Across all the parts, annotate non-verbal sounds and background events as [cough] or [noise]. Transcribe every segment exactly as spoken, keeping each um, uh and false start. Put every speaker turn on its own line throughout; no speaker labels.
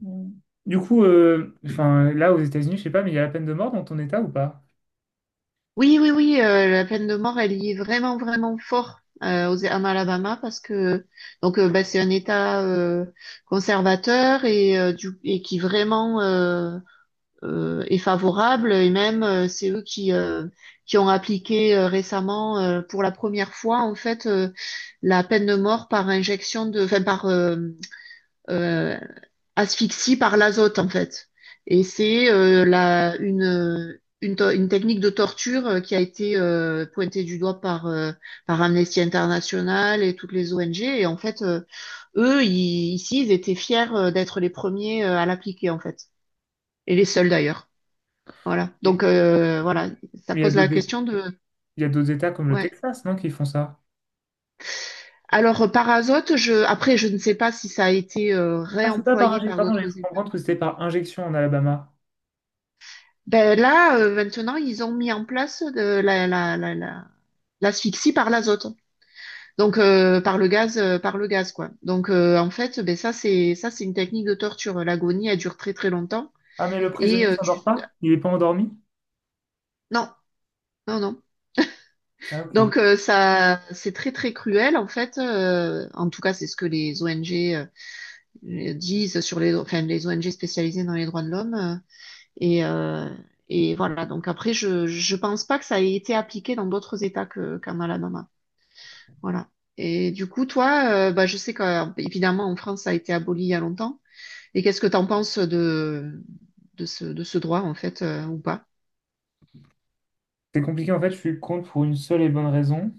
Mm. Du coup, euh, enfin, là, aux États-Unis, je sais pas, mais il y a la peine de mort dans ton État ou pas?
Oui, oui, oui, euh, la peine de mort, elle y est vraiment, vraiment fort euh, aux, en Alabama parce que donc euh, bah, c'est un État euh, conservateur et, euh, du, et qui vraiment euh, euh, est favorable et même euh, c'est eux qui euh, qui ont appliqué euh, récemment euh, pour la première fois en fait euh, la peine de mort par injection de, enfin par euh, euh, asphyxie par l'azote en fait. Et c'est euh, la une euh, une, to- une technique de torture euh, qui a été euh, pointée du doigt par euh, par Amnesty International et toutes les O N G. Et en fait, euh, eux ils- ici ils étaient fiers euh, d'être les premiers euh, à l'appliquer en fait et les seuls d'ailleurs. Voilà. Donc
Et-
euh, voilà, ça
Mais il y a
pose la
d'autres,
question de.
il y a d'autres États comme le
Ouais.
Texas, non, qui font ça.
Alors euh, par azote, je après je ne sais pas si ça a été euh,
Ah, c'est pas par
réemployé
injection.
par
Pardon, j'ai
d'autres.
cru comprendre que c'était par injection en Alabama.
Ben là, euh, maintenant, ils ont mis en place de la, la, la, la- l'asphyxie par l'azote. Donc euh, par le gaz, euh, par le gaz quoi. Donc euh, en fait, ben ça c'est ça c'est une technique de torture. L'agonie elle dure très très longtemps
Ah, mais le
et
prisonnier
euh, tu
s'endort pas? Il est pas endormi?
non, non, non.
Ah, ok.
Donc euh, ça c'est très très cruel en fait. euh, en tout cas c'est ce que les O N G euh, disent sur les, enfin, les O N G spécialisées dans les droits de l'homme euh, et euh, et voilà. Donc après je je pense pas que ça ait été appliqué dans d'autres États que qu'en Alabama. Voilà. Et du coup, toi, euh, bah, je sais qu'évidemment, en France, ça a été aboli il y a longtemps. Et qu'est-ce que t'en penses de, de ce, de ce droit, en fait, euh, ou pas?
C'est compliqué, en fait, je suis contre pour une seule et bonne raison,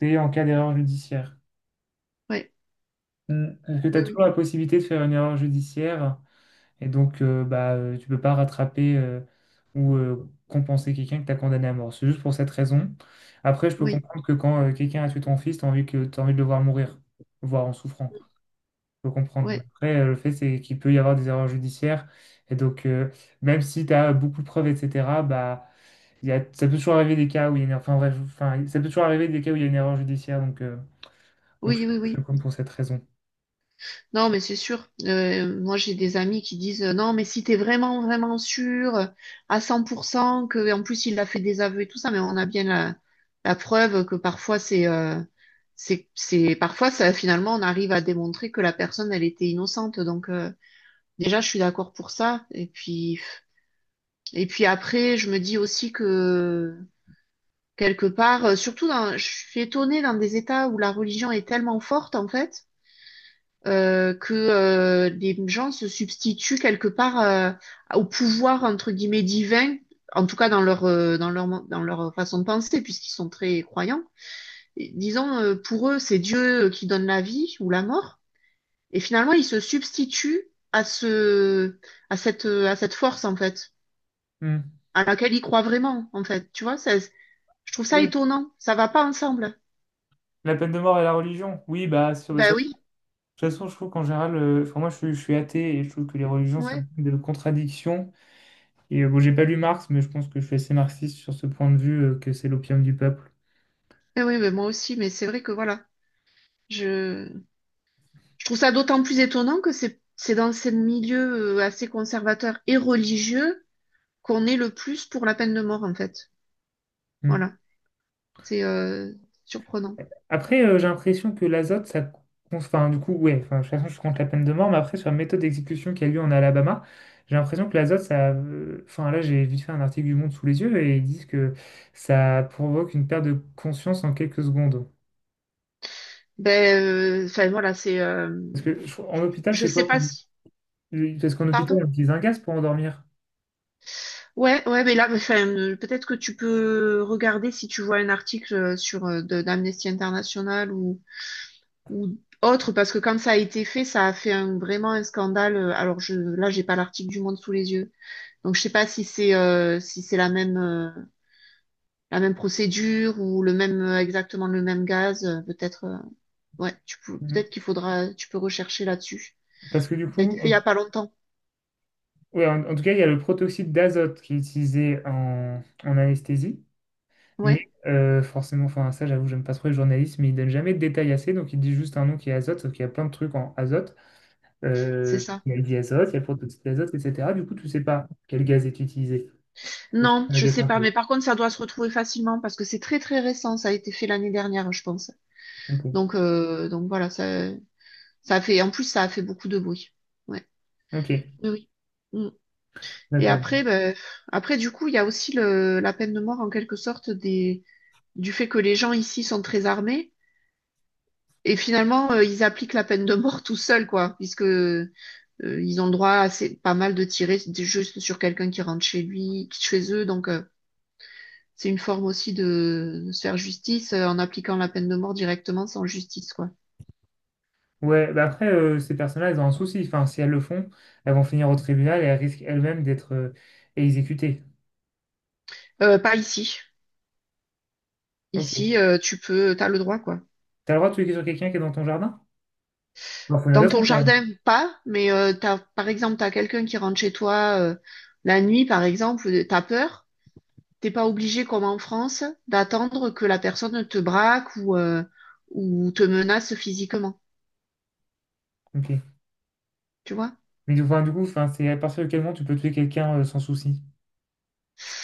c'est en cas d'erreur judiciaire.
Ouais.
Hmm. Parce que tu
Oui,
as
oui,
toujours la possibilité de faire une erreur judiciaire. Et donc, euh, bah, euh, tu peux pas rattraper euh, ou euh, compenser quelqu'un que tu as condamné à mort. C'est juste pour cette raison. Après, je peux
oui,
comprendre que quand euh, quelqu'un a tué ton fils, tu as envie que, t'as envie de le voir mourir, voire en souffrant. Je peux comprendre. Mais
ouais.
après, euh, le fait, c'est qu'il peut y avoir des erreurs judiciaires. Et donc, euh, même si tu as beaucoup de preuves, et cetera, bah, il y a, ça peut toujours arriver des cas où il y a une, enfin, bref, enfin, ça peut toujours arriver des cas où il y a une erreur judiciaire. Donc, euh, donc je,
Oui, oui,
je le
oui.
compte pour cette raison.
Non, mais c'est sûr. Euh, moi, j'ai des amis qui disent, euh, non, mais si t'es vraiment, vraiment sûr euh, à cent pour cent que, en plus, il a fait des aveux et tout ça, mais on a bien la, la preuve que parfois, c'est, euh, c'est, c'est, parfois, ça, finalement, on arrive à démontrer que la personne, elle était innocente. Donc, euh, Déjà, je suis d'accord pour ça. Et puis, et puis après, je me dis aussi que quelque part, euh, surtout dans, je suis étonnée dans des États où la religion est tellement forte, en fait, euh, que euh, les gens se substituent quelque part euh, au pouvoir, entre guillemets, divin, en tout cas dans leur, euh, dans leur, mon- dans leur façon de penser, puisqu'ils sont très croyants. Et disons, euh, pour eux, c'est Dieu euh, qui donne la vie ou la mort. Et finalement, ils se substituent à ce, à cette, euh, à cette force, en fait.
Hmm.
À laquelle il croit vraiment, en fait. Tu vois, ça, je trouve ça
Oui,
étonnant. Ça va pas ensemble.
la peine de mort et la religion. Oui, bah, sur,
Ben
ça, toute
oui,
façon, je trouve qu'en général, euh, enfin moi je, suis je suis athée et je trouve que les religions sont
ouais.
pleines de contradictions. Et euh, bon, j'ai pas lu Marx, mais je pense que je suis assez marxiste sur ce point de vue euh, que c'est l'opium du peuple.
Ben oui, mais moi aussi, mais c'est vrai que voilà. Je, je trouve ça d'autant plus étonnant que c'est c'est dans ces milieux euh, assez conservateurs et religieux qu'on est le plus pour la peine de mort, en fait.
Mm.
Voilà. C'est euh, surprenant.
Après, euh, j'ai l'impression que l'azote, ça. Cons- Enfin, du coup, ouais, enfin, de toute façon, je compte la peine de mort, mais après, sur la méthode d'exécution qui a lieu en Alabama, j'ai l'impression que l'azote, ça. Euh, Enfin, là, j'ai vite fait un article du Monde sous les yeux et ils disent que ça provoque une perte de conscience en quelques secondes.
Ben, euh, enfin, voilà, c'est, euh,
Parce que je- en hôpital,
je
c'est
sais
quoi
pas
qu'on-
si.
parce qu'en hôpital,
Pardon?
on utilise un gaz pour endormir.
Ouais, ouais, mais là, enfin, euh, peut-être que tu peux regarder si tu vois un article euh, sur euh, de- d'Amnesty International ou ou autre, parce que quand ça a été fait, ça a fait un- vraiment un scandale. Euh, Alors je, là, j'ai pas l'article du Monde sous les yeux, donc je sais pas si c'est euh, si c'est la même euh, la même procédure ou le même euh, exactement le même gaz. Euh, Peut-être euh, ouais, tu peux,
Mm.
peut-être qu'il faudra, tu peux rechercher là-dessus.
Parce que du
Ça a
coup,
été fait
en,
il y a pas longtemps.
ouais, en- en tout cas, il y a le protoxyde d'azote qui est utilisé en, en anesthésie. Mais
Ouais,
euh, forcément, enfin, ça, j'avoue, j'aime pas trop les journalistes, mais ils donnent jamais de détails assez. Donc, ils disent juste un nom qui est azote, sauf qu'il y a plein de trucs en azote.
c'est
Euh,
ça.
il y a le diazote, il y a le protoxyde d'azote, et cetera. Du coup, tu sais pas quel gaz est utilisé. C'est
Non, je
un
sais
un
pas,
peu.
mais par contre, ça doit se retrouver facilement parce que c'est très très récent. Ça a été fait l'année dernière, je pense.
Ok,
Donc euh, donc voilà, ça ça a fait. En plus, ça a fait beaucoup de bruit. Ouais.
ok,
Oui. Oui. Mm. Et
d'accord.
après, ben, après du coup, il y a aussi le, la peine de mort en quelque sorte des, du fait que les gens ici sont très armés et finalement euh, ils appliquent la peine de mort tout seuls quoi, puisque euh, ils ont le droit à assez, pas mal de tirer d- juste sur quelqu'un qui rentre chez lui, chez eux, donc euh, c'est une forme aussi de, de se faire justice euh, en appliquant la peine de mort directement sans justice quoi.
Ouais, bah après, euh, ces personnes-là, elles ont un souci. Enfin, si elles le font, elles vont finir au tribunal et elles risquent elles-mêmes d'être euh, exécutées.
Euh, pas ici.
Ok.
Ici, euh, tu peux, t'as le droit quoi.
T'as le droit de tuer sur quelqu'un qui est dans ton jardin? Bah, faut une
Dans
raison
ton
quand même.
jardin, pas, mais euh, t'as, par exemple, t'as quelqu'un qui rentre chez toi euh, la nuit, par exemple, euh, t'as peur, t'es pas obligé, comme en France, d'attendre que la personne te braque ou, euh, ou te menace physiquement,
Ok.
tu vois?
Mais enfin, du coup, enfin, c'est à partir de quel moment tu peux tuer quelqu'un euh, sans souci. Je-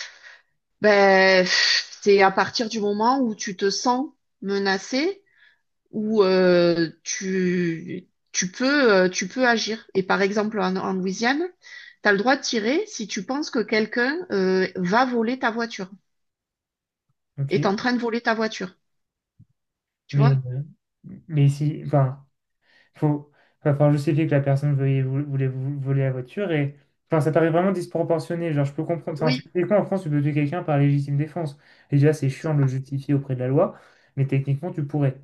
Ben, pff, c'est à partir du moment où tu te sens menacé, où euh, tu, tu peux, euh, tu peux agir. Et par exemple, en, en Louisiane, t'as le droit de tirer si tu penses que quelqu'un euh, va voler ta voiture. Est
Ok.
en train de voler ta voiture. Tu
Mais,
vois?
euh, mais si, enfin, faut, va falloir justifier que la personne veuille- vou- voulait, vou- voler la voiture et, enfin, ça paraît vraiment disproportionné. Genre, je peux comprendre. Enfin,
Oui,
techniquement, en France, tu peux tuer quelqu'un par légitime défense. Et déjà, c'est chiant de le justifier auprès de la loi, mais techniquement, tu pourrais.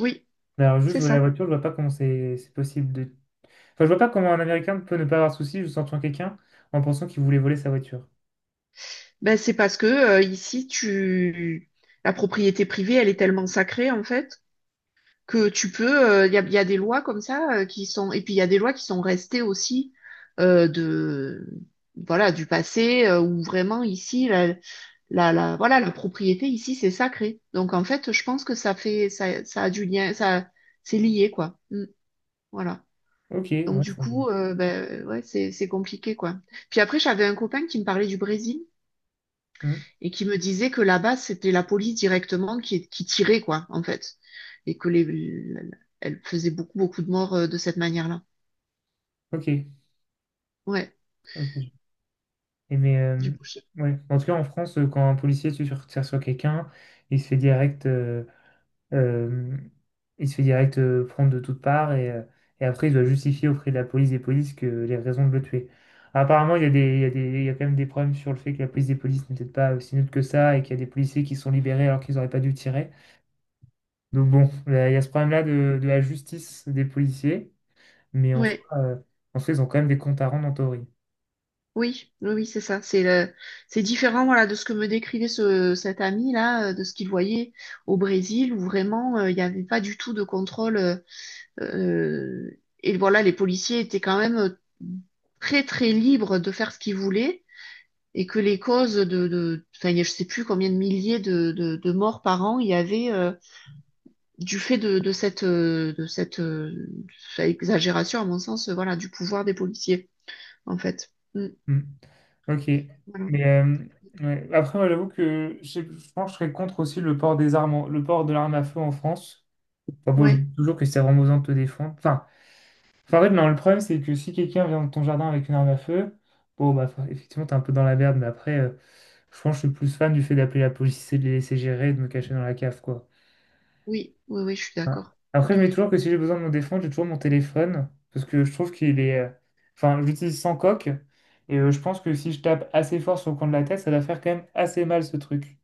oui,
Mais alors, juste
c'est
voler la
ça.
voiture, je vois pas comment c'est c'est possible de. Enfin, je vois pas comment un Américain peut ne pas avoir de souci juste en tuant quelqu'un en pensant qu'il voulait voler sa voiture.
Ben, c'est parce que euh, ici, tu... la propriété privée, elle est tellement sacrée, en fait, que tu peux. Il y a, y a des lois comme ça euh, qui sont. Et puis, il y a des lois qui sont restées aussi euh, de. Voilà, du passé, euh, où vraiment ici, la, la, la, voilà, la propriété ici, c'est sacré. Donc, en fait, je pense que ça fait. Ça, ça a du lien. Ça, c'est lié, quoi. Mm. Voilà.
Ok,
Donc
ouais,
du
c'est. Bon.
coup, euh, ben, ouais, c'est c'est compliqué quoi. Puis après, j'avais un copain qui me parlait du Brésil
Hmm.
et qui me disait que là-bas, c'était la police directement qui qui tirait quoi, en fait, et que les elle faisait beaucoup beaucoup de morts euh, de cette manière-là.
Ok,
Ouais,
ok. Et mais euh,
du coup, je-
ouais. En tout cas, en France, euh, quand un policier tue sur, tire sur quelqu'un, il se fait direct, euh, euh, il se fait direct euh, prendre de toutes parts et, euh, et après il doit justifier auprès de la police des polices que les raisons de le tuer. Apparemment, il y a des, il y a des- il y a quand même des problèmes sur le fait que la police des polices n'est peut-être pas aussi neutre que ça et qu'il y a des policiers qui sont libérés alors qu'ils n'auraient pas dû tirer. Donc bon, là, il y a ce problème-là de, de la justice des policiers, mais en soi,
ouais,
euh, en soi, ils ont quand même des comptes à rendre en théorie.
oui, oui, oui, c'est ça. C'est le- c'est différent voilà de ce que me décrivait ce cet ami là, euh, de ce qu'il voyait au Brésil où vraiment euh, il n'y avait pas du tout de contrôle. euh, Euh, et voilà, les policiers étaient quand même euh, très très libres de faire ce qu'ils voulaient et que les causes de, de enfin, je sais plus combien de milliers de, de, de morts par an il y avait euh, du fait de, de cette, euh, de cette euh, enfin, exagération, à mon sens, euh, voilà, du pouvoir des policiers, en fait. Mm,
Hmm. Ok.
voilà.
Mais euh, ouais. Après, moi, j'avoue que je, sais- je pense que je serais contre aussi le port des armes, en- le port de l'arme à feu en France. Enfin, bon, je me
Ouais,
dis toujours que c'est vraiment besoin de te défendre. Enfin, enfin, en fait, non, le problème, c'est que si quelqu'un vient dans ton jardin avec une arme à feu, bon, bah, enfin, effectivement, t'es un peu dans la merde, mais après, euh, je pense que je suis plus fan du fait d'appeler la police et de les laisser gérer, et de me cacher dans la cave, quoi.
oui, oui, oui, je suis
Voilà.
d'accord.
Après, je mets toujours que si j'ai besoin de me défendre, j'ai toujours mon téléphone parce que je trouve qu'il est. euh, enfin, je l'utilise sans coque et euh, je pense que si je tape assez fort sur le coin de la tête, ça va faire quand même assez mal ce truc.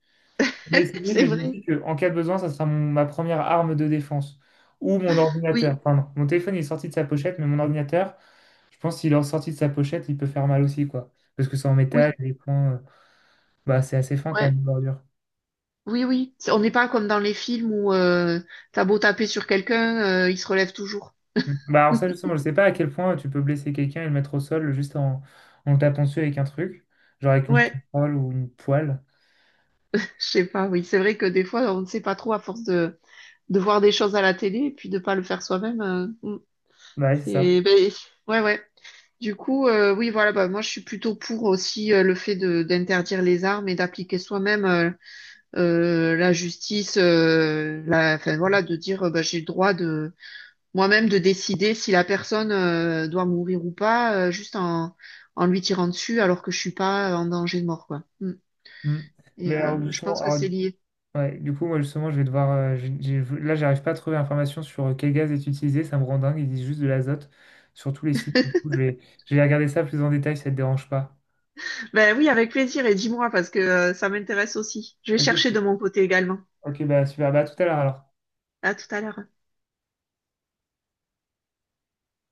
Mais c'est
[laughs]
vrai,
C'est
mais je me
vrai.
dis qu'en cas de besoin, ça sera mon- ma première arme de défense ou mon
Oui,
ordinateur. Pardon, mon téléphone il est sorti de sa pochette, mais mon ordinateur, je pense qu'il est sorti de sa pochette, il peut faire mal aussi, quoi. Parce que c'est en métal,
oui,
les coins, euh, bah, c'est assez fin quand même,
ouais,
une bordure.
oui, oui. C'est- On n'est pas comme dans les films où euh, t'as beau taper sur quelqu'un, euh, il se relève toujours.
Mm. Bah alors ça
[laughs]
justement, je sais pas à quel point tu peux blesser quelqu'un et le mettre au sol juste en, en le tapant dessus avec un truc, genre avec une
Ouais.
casserole ou une poêle.
Je sais pas, oui. C'est vrai que des fois, on ne sait pas trop à force de, de voir des choses à la télé et puis de pas le faire soi-même. euh, mm,
Bah ouais, c'est ça.
c'est- ben, ouais, ouais. Du coup, euh, oui, voilà, bah, moi, je suis plutôt pour aussi euh, le fait de d'interdire les armes et d'appliquer soi-même euh, euh, la justice, euh, la, enfin, voilà, de dire, euh, bah, j'ai le droit de moi-même de décider si la personne euh, doit mourir ou pas, euh, juste en, en, lui tirant dessus alors que je suis pas en danger de mort, quoi. Mm.
Mm. Mais
Et
alors,
euh, je
justement,
pense que
alors,
c'est
du
lié.
ouais, du coup, moi justement, je vais devoir... euh, j'ai- j'ai- là, j'arrive pas à trouver l'information sur euh, quel gaz est utilisé, ça me rend dingue, ils disent juste de l'azote sur tous les sites. Du
[laughs]
coup, je vais, je vais regarder ça plus en détail si ça te dérange pas.
Ben oui, avec plaisir et dis-moi parce que euh, ça m'intéresse aussi. Je vais chercher
Ok,
de mon côté également.
ok, bah super, bah à tout à l'heure alors.
À tout à l'heure.